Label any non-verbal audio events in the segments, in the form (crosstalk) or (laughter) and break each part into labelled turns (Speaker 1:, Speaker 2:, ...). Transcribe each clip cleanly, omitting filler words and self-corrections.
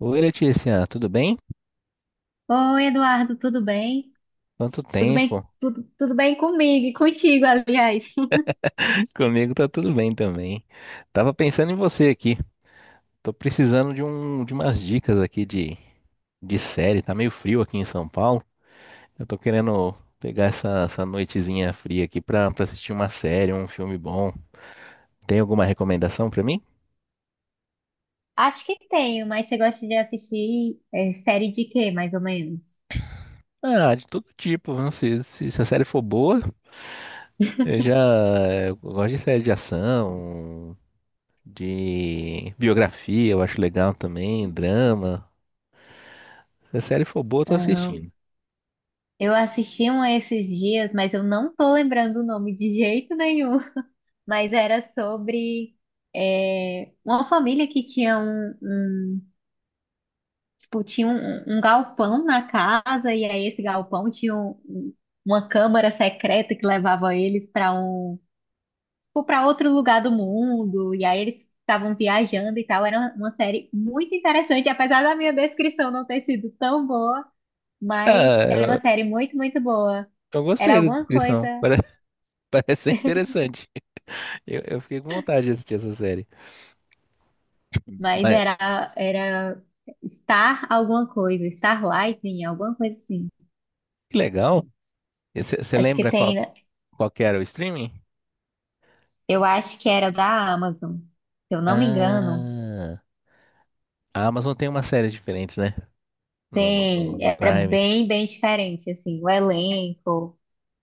Speaker 1: Oi, Letícia, tudo bem?
Speaker 2: Oi, Eduardo, tudo bem?
Speaker 1: Quanto
Speaker 2: Tudo bem,
Speaker 1: tempo?
Speaker 2: tudo bem comigo e contigo, aliás. (laughs)
Speaker 1: (laughs) Comigo tá tudo bem também. Tava pensando em você aqui. Tô precisando de umas dicas aqui de série. Tá meio frio aqui em São Paulo. Eu tô querendo pegar essa noitezinha fria aqui pra assistir uma série, um filme bom. Tem alguma recomendação pra mim?
Speaker 2: Acho que tenho, mas você gosta de assistir série de quê, mais ou menos?
Speaker 1: Ah, de todo tipo. Não sei se a série for boa. Eu já eu gosto de série de ação, de biografia, eu acho legal também, drama. Se a série for boa, eu tô
Speaker 2: Ahn,
Speaker 1: assistindo.
Speaker 2: eu assisti um esses dias, mas eu não tô lembrando o nome de jeito nenhum. (laughs) Mas era sobre uma família que tinha tipo, tinha um galpão na casa, e aí esse galpão tinha uma câmara secreta que levava eles para um tipo, para outro lugar do mundo, e aí eles estavam viajando e tal. Era uma série muito interessante, apesar da minha descrição não ter sido tão boa, mas
Speaker 1: Ah,
Speaker 2: era uma
Speaker 1: eu,
Speaker 2: série muito boa.
Speaker 1: eu
Speaker 2: Era
Speaker 1: gostei da
Speaker 2: alguma coisa,
Speaker 1: descrição. (laughs) Parece ser interessante. Eu fiquei com vontade de assistir essa série.
Speaker 2: mas
Speaker 1: Mas
Speaker 2: era Star alguma coisa, Star Lightning, alguma coisa assim.
Speaker 1: que legal. Você
Speaker 2: Acho que
Speaker 1: lembra
Speaker 2: tem,
Speaker 1: qual que era o streaming?
Speaker 2: eu acho que era da Amazon, se eu não me engano.
Speaker 1: Ah, a Amazon tem uma série diferente, né? No, no,
Speaker 2: Tem,
Speaker 1: no
Speaker 2: era
Speaker 1: Prime.
Speaker 2: bem diferente, assim, o elenco.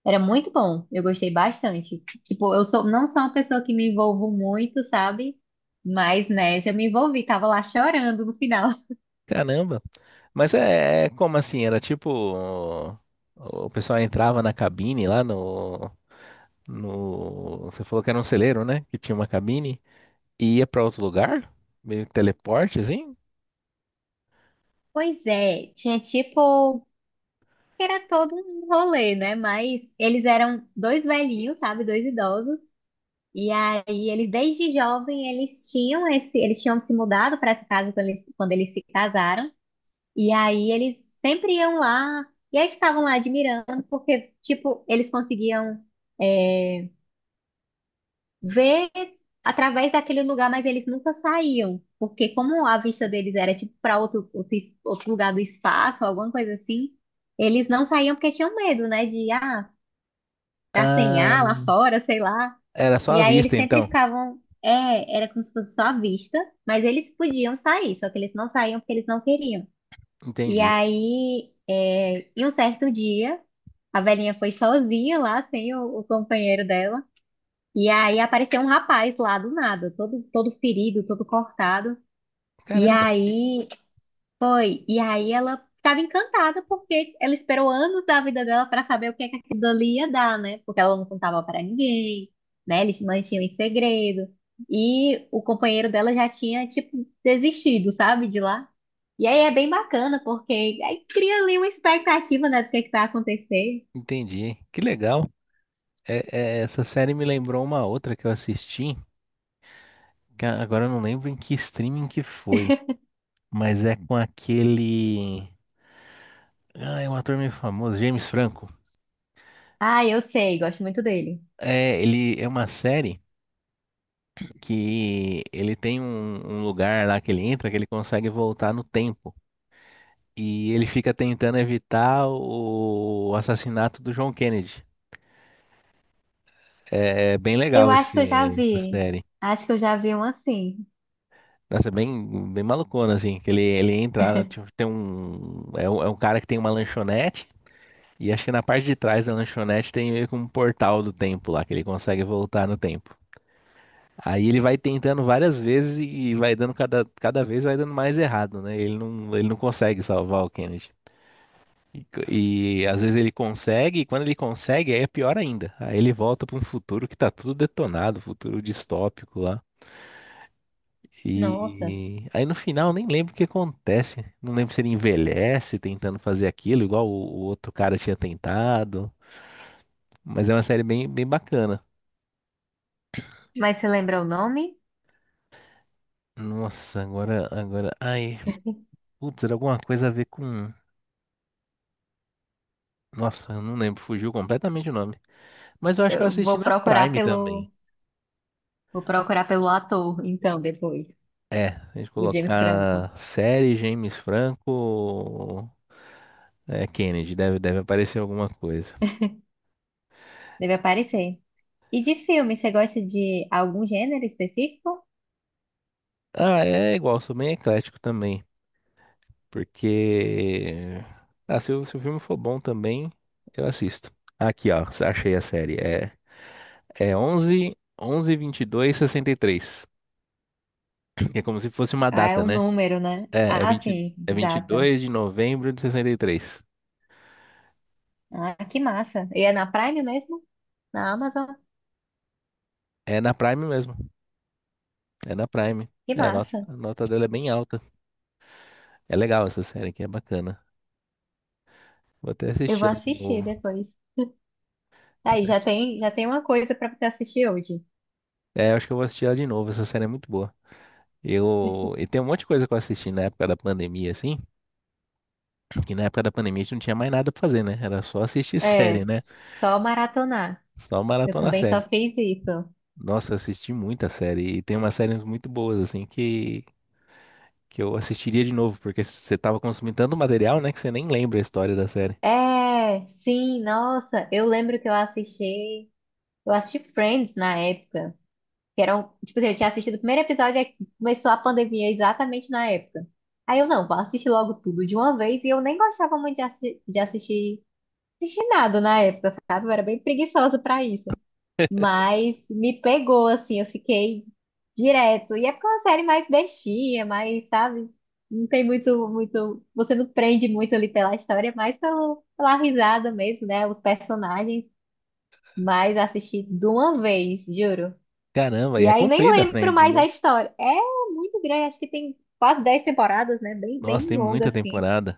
Speaker 2: Era muito bom, eu gostei bastante. Tipo, não sou uma pessoa que me envolvo muito, sabe? Mas nessa eu me envolvi, tava lá chorando no final. (laughs)
Speaker 1: Caramba. Mas é, é como assim? Era tipo. O pessoal entrava na cabine lá no. Você falou que era um celeiro, né? Que tinha uma cabine e ia pra outro lugar? Meio teleporte, assim?
Speaker 2: Pois é, tinha tipo, era todo um rolê, né? Mas eles eram dois velhinhos, sabe? Dois idosos. E aí eles desde jovem eles tinham se mudado para essa casa quando eles se casaram. E aí eles sempre iam lá e aí ficavam lá admirando porque tipo, eles conseguiam eh, ver através daquele lugar, mas eles nunca saíam, porque como a vista deles era tipo para outro lugar do espaço, alguma coisa assim, eles não saíam porque tinham medo, né, de tá sem
Speaker 1: Ah,
Speaker 2: ar lá fora, sei lá.
Speaker 1: era só
Speaker 2: E
Speaker 1: à
Speaker 2: aí eles
Speaker 1: vista,
Speaker 2: sempre
Speaker 1: então.
Speaker 2: ficavam, é, era como se fosse só a vista, mas eles podiam sair, só que eles não saíam porque eles não queriam. E
Speaker 1: Entendi.
Speaker 2: aí, é, em um certo dia, a velhinha foi sozinha lá, sem o companheiro dela. E aí apareceu um rapaz lá do nada, todo ferido, todo cortado. E
Speaker 1: Caramba,
Speaker 2: aí foi. E aí ela estava encantada porque ela esperou anos da vida dela para saber o que é que aquilo ali ia dar, né? Porque ela não contava para ninguém, né? Eles mantinham em segredo. E o companheiro dela já tinha, tipo, desistido, sabe, de lá. E aí é bem bacana, porque aí cria ali uma expectativa, né, do que é que vai acontecer.
Speaker 1: entendi. Que legal. Essa série me lembrou uma outra que eu assisti, que agora eu não lembro em que streaming que foi, mas é com aquele. Ah, é um ator meio famoso, James Franco.
Speaker 2: Ah, eu sei, gosto muito dele.
Speaker 1: É, ele é uma série que ele tem um lugar lá que ele entra que ele consegue voltar no tempo. E ele fica tentando evitar o assassinato do John Kennedy. É bem
Speaker 2: Eu
Speaker 1: legal
Speaker 2: acho que eu já
Speaker 1: essa
Speaker 2: vi.
Speaker 1: série.
Speaker 2: Acho que eu já vi um assim.
Speaker 1: Nossa, é bem, bem malucona, assim, que ele entra, né, tipo, tem é um cara que tem uma lanchonete, e acho que na parte de trás da lanchonete tem meio que um portal do tempo lá, que ele consegue voltar no tempo. Aí ele vai tentando várias vezes e vai dando cada vez vai dando mais errado, né? Ele não consegue salvar o Kennedy. E às vezes ele consegue, e quando ele consegue, aí é pior ainda. Aí ele volta para um futuro que tá tudo detonado, futuro distópico lá.
Speaker 2: Nossa.
Speaker 1: E aí no final nem lembro o que acontece. Não lembro se ele envelhece tentando fazer aquilo, igual o outro cara tinha tentado. Mas é uma série bem, bem bacana.
Speaker 2: Mas você lembra o nome?
Speaker 1: Nossa, agora, agora. Ai, putz, era alguma coisa a ver com. Nossa, eu não lembro, fugiu completamente o nome. Mas eu acho que eu
Speaker 2: Eu
Speaker 1: assisti
Speaker 2: vou
Speaker 1: na
Speaker 2: procurar
Speaker 1: Prime também.
Speaker 2: pelo, Vou procurar pelo ator, então, depois.
Speaker 1: É, se a gente
Speaker 2: O James Franco.
Speaker 1: colocar série James Franco, Kennedy, deve aparecer alguma coisa.
Speaker 2: Deve aparecer. E de filme, você gosta de algum gênero específico?
Speaker 1: Ah, é igual, sou bem eclético também. Porque. Ah, se o filme for bom também, eu assisto. Aqui, ó, achei a série. É 11.22.63. É como se fosse uma
Speaker 2: Ah, é
Speaker 1: data,
Speaker 2: um
Speaker 1: né?
Speaker 2: número, né?
Speaker 1: É,
Speaker 2: Ah, sim, de
Speaker 1: vinte e
Speaker 2: data.
Speaker 1: dois de novembro de sessenta e três
Speaker 2: Ah, que massa. E é na Prime mesmo? Na Amazon?
Speaker 1: É na Prime mesmo. É na Prime.
Speaker 2: Que
Speaker 1: É, a nota,
Speaker 2: massa.
Speaker 1: a nota dela é bem alta. É legal essa série aqui, é bacana. Vou até
Speaker 2: Eu
Speaker 1: assistir
Speaker 2: vou
Speaker 1: ela de
Speaker 2: assistir
Speaker 1: novo.
Speaker 2: depois.
Speaker 1: Vou
Speaker 2: Aí,
Speaker 1: até assi-
Speaker 2: já tem uma coisa pra você assistir hoje.
Speaker 1: É, acho que eu vou assistir ela de novo. Essa série é muito boa. E tem um monte de coisa que eu assisti na época da pandemia, assim. Porque na época da pandemia a gente não tinha mais nada pra fazer, né? Era só assistir (laughs) série,
Speaker 2: É,
Speaker 1: né?
Speaker 2: só maratonar.
Speaker 1: Só
Speaker 2: Eu
Speaker 1: maratona
Speaker 2: também
Speaker 1: série.
Speaker 2: só fiz isso.
Speaker 1: Nossa, eu assisti muita série. E tem umas séries muito boas, assim, que eu assistiria de novo, porque você tava consumindo tanto material, né, que você nem lembra a história da série.
Speaker 2: É, sim, nossa, eu lembro que eu assisti Friends na época, que era um, tipo assim, eu tinha assistido o primeiro episódio e começou a pandemia exatamente na época. Aí eu, não, vou assistir logo tudo de uma vez e eu nem gostava muito de assistir, assistir nada na época, sabe? Eu era bem preguiçosa pra isso.
Speaker 1: (laughs)
Speaker 2: Mas me pegou, assim, eu fiquei direto. E é porque é uma série mais bestinha, mais, sabe? Não tem muito. Você não prende muito ali pela história, é mais pelo, pela risada mesmo, né? Os personagens. Mas assisti de uma vez, juro.
Speaker 1: Caramba, e
Speaker 2: E
Speaker 1: é
Speaker 2: aí nem
Speaker 1: comprida,
Speaker 2: lembro
Speaker 1: Friends.
Speaker 2: mais da história. É muito grande, acho que tem quase 10 temporadas, né?
Speaker 1: Nossa,
Speaker 2: Bem
Speaker 1: tem
Speaker 2: longa,
Speaker 1: muita
Speaker 2: assim.
Speaker 1: temporada.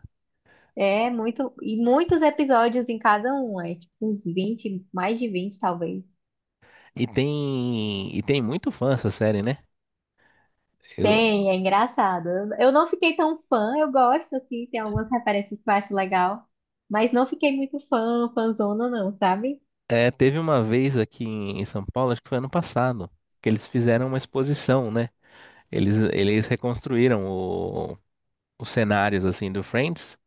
Speaker 2: É muito. E muitos episódios em cada um, é tipo uns 20, mais de 20 talvez.
Speaker 1: E tem muito fã essa série, né? Eu,
Speaker 2: Tem, é engraçado. Eu não fiquei tão fã, eu gosto, assim, tem algumas referências que eu acho legal, mas não fiquei muito fã, fãzona não, sabe?
Speaker 1: Teve uma vez aqui em São Paulo, acho que foi ano passado, que eles fizeram uma exposição, né? Eles reconstruíram os cenários assim do Friends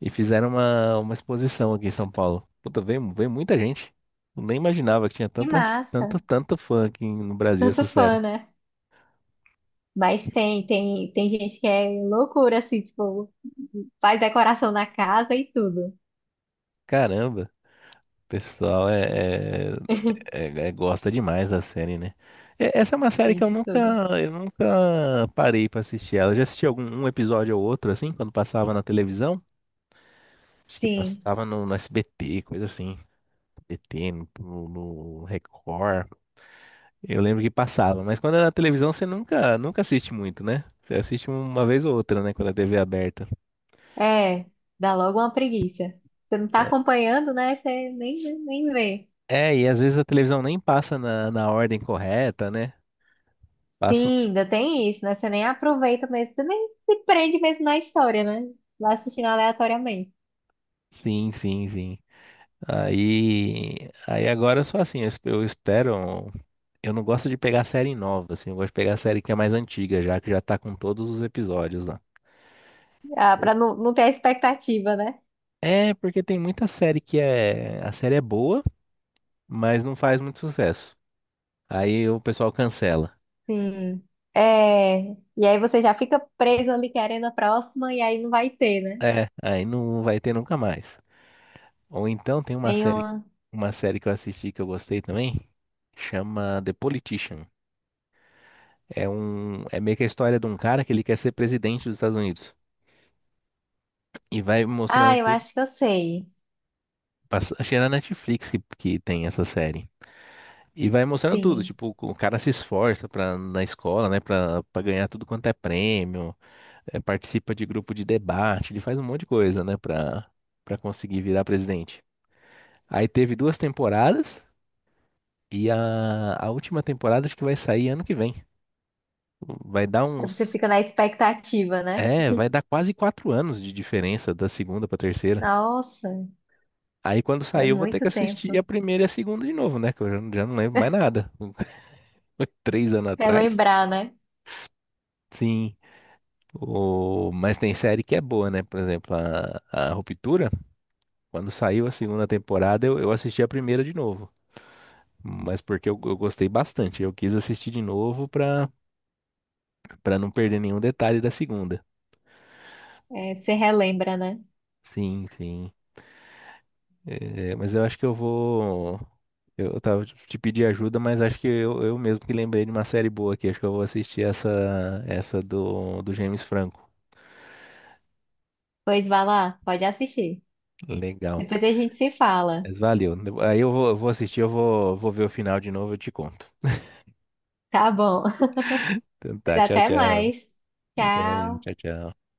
Speaker 1: e fizeram uma exposição aqui em São Paulo. Puta, veio muita gente. Eu nem imaginava que tinha
Speaker 2: Que
Speaker 1: tantas,
Speaker 2: massa,
Speaker 1: tanto, tanto fã aqui no Brasil
Speaker 2: tanto
Speaker 1: essa série.
Speaker 2: fã, né? Mas tem gente que é loucura, assim, tipo, faz decoração na casa e tudo.
Speaker 1: Caramba, o pessoal é
Speaker 2: (laughs)
Speaker 1: É, é, gosta demais da série, né? É, essa é uma série que
Speaker 2: Tem
Speaker 1: eu
Speaker 2: de
Speaker 1: nunca,
Speaker 2: tudo.
Speaker 1: eu nunca parei pra assistir ela. Eu já assisti algum um episódio ou outro, assim, quando passava na televisão. Acho que
Speaker 2: Sim,
Speaker 1: passava no SBT, coisa assim. SBT, no Record. Eu lembro que passava, mas quando é na televisão você nunca assiste muito, né? Você assiste uma vez ou outra, né? Quando a TV é aberta.
Speaker 2: é, dá logo uma preguiça. Você não tá
Speaker 1: É,
Speaker 2: acompanhando, né? Você nem vê.
Speaker 1: e às vezes a televisão nem passa na ordem correta, né?
Speaker 2: Sim,
Speaker 1: Passa.
Speaker 2: ainda tem isso, né? Você nem aproveita mesmo, você nem se prende mesmo na história, né? Vai assistindo aleatoriamente.
Speaker 1: Sim, sim, sim. Aí agora eu sou assim, eu espero. Eu não gosto de pegar série nova, assim, eu gosto de pegar série que é mais antiga, já que já tá com todos os episódios lá.
Speaker 2: Ah, pra não, não ter a expectativa, né?
Speaker 1: É, porque tem muita série que é. A série é boa, mas não faz muito sucesso. Aí o pessoal cancela.
Speaker 2: Sim. É, e aí você já fica preso ali querendo a próxima e aí não vai ter, né?
Speaker 1: É, aí não vai ter nunca mais. Ou então tem uma
Speaker 2: Tem
Speaker 1: série,
Speaker 2: uma.
Speaker 1: uma série que eu assisti que eu gostei também, chama The Politician. É meio que a história de um cara que ele quer ser presidente dos Estados Unidos. E vai
Speaker 2: Ah,
Speaker 1: mostrando.
Speaker 2: eu acho que eu sei.
Speaker 1: Acho é na Netflix que, tem essa série. E vai mostrando tudo,
Speaker 2: Sim.
Speaker 1: tipo, o cara se esforça pra, na escola, né, pra ganhar tudo quanto é prêmio, participa de grupo de debate, ele faz um monte de coisa, né, pra conseguir virar presidente. Aí teve duas temporadas, e a última temporada acho que vai sair ano que vem. Vai dar
Speaker 2: Aí você
Speaker 1: uns.
Speaker 2: fica na expectativa, né?
Speaker 1: É, vai dar quase 4 anos de diferença da segunda pra terceira.
Speaker 2: Nossa,
Speaker 1: Aí quando
Speaker 2: é
Speaker 1: sair eu vou ter
Speaker 2: muito
Speaker 1: que assistir
Speaker 2: tempo.
Speaker 1: a primeira e a segunda de novo, né, que eu já não lembro mais
Speaker 2: (laughs)
Speaker 1: nada. (laughs) 3 anos atrás?
Speaker 2: Relembrar, né?
Speaker 1: Sim. Mas tem série que é boa, né? Por exemplo, a Ruptura, quando saiu a segunda temporada, eu assisti a primeira de novo. Mas porque eu gostei bastante. Eu quis assistir de novo pra não perder nenhum detalhe da segunda.
Speaker 2: É, você relembra, né?
Speaker 1: Sim, sim. É, mas eu acho que eu vou. Eu tava te pedir ajuda, mas acho que eu mesmo que lembrei de uma série boa aqui. Acho que eu vou assistir essa do James Franco.
Speaker 2: Pois vai lá, pode assistir.
Speaker 1: Legal.
Speaker 2: Depois a gente se fala.
Speaker 1: Mas valeu. Aí eu vou assistir, eu vou, vou ver o final de novo, eu te conto. (laughs)
Speaker 2: Tá bom.
Speaker 1: Então
Speaker 2: Pois
Speaker 1: tá, tchau,
Speaker 2: até
Speaker 1: tchau.
Speaker 2: mais.
Speaker 1: Até,
Speaker 2: Tchau.
Speaker 1: tchau, tchau.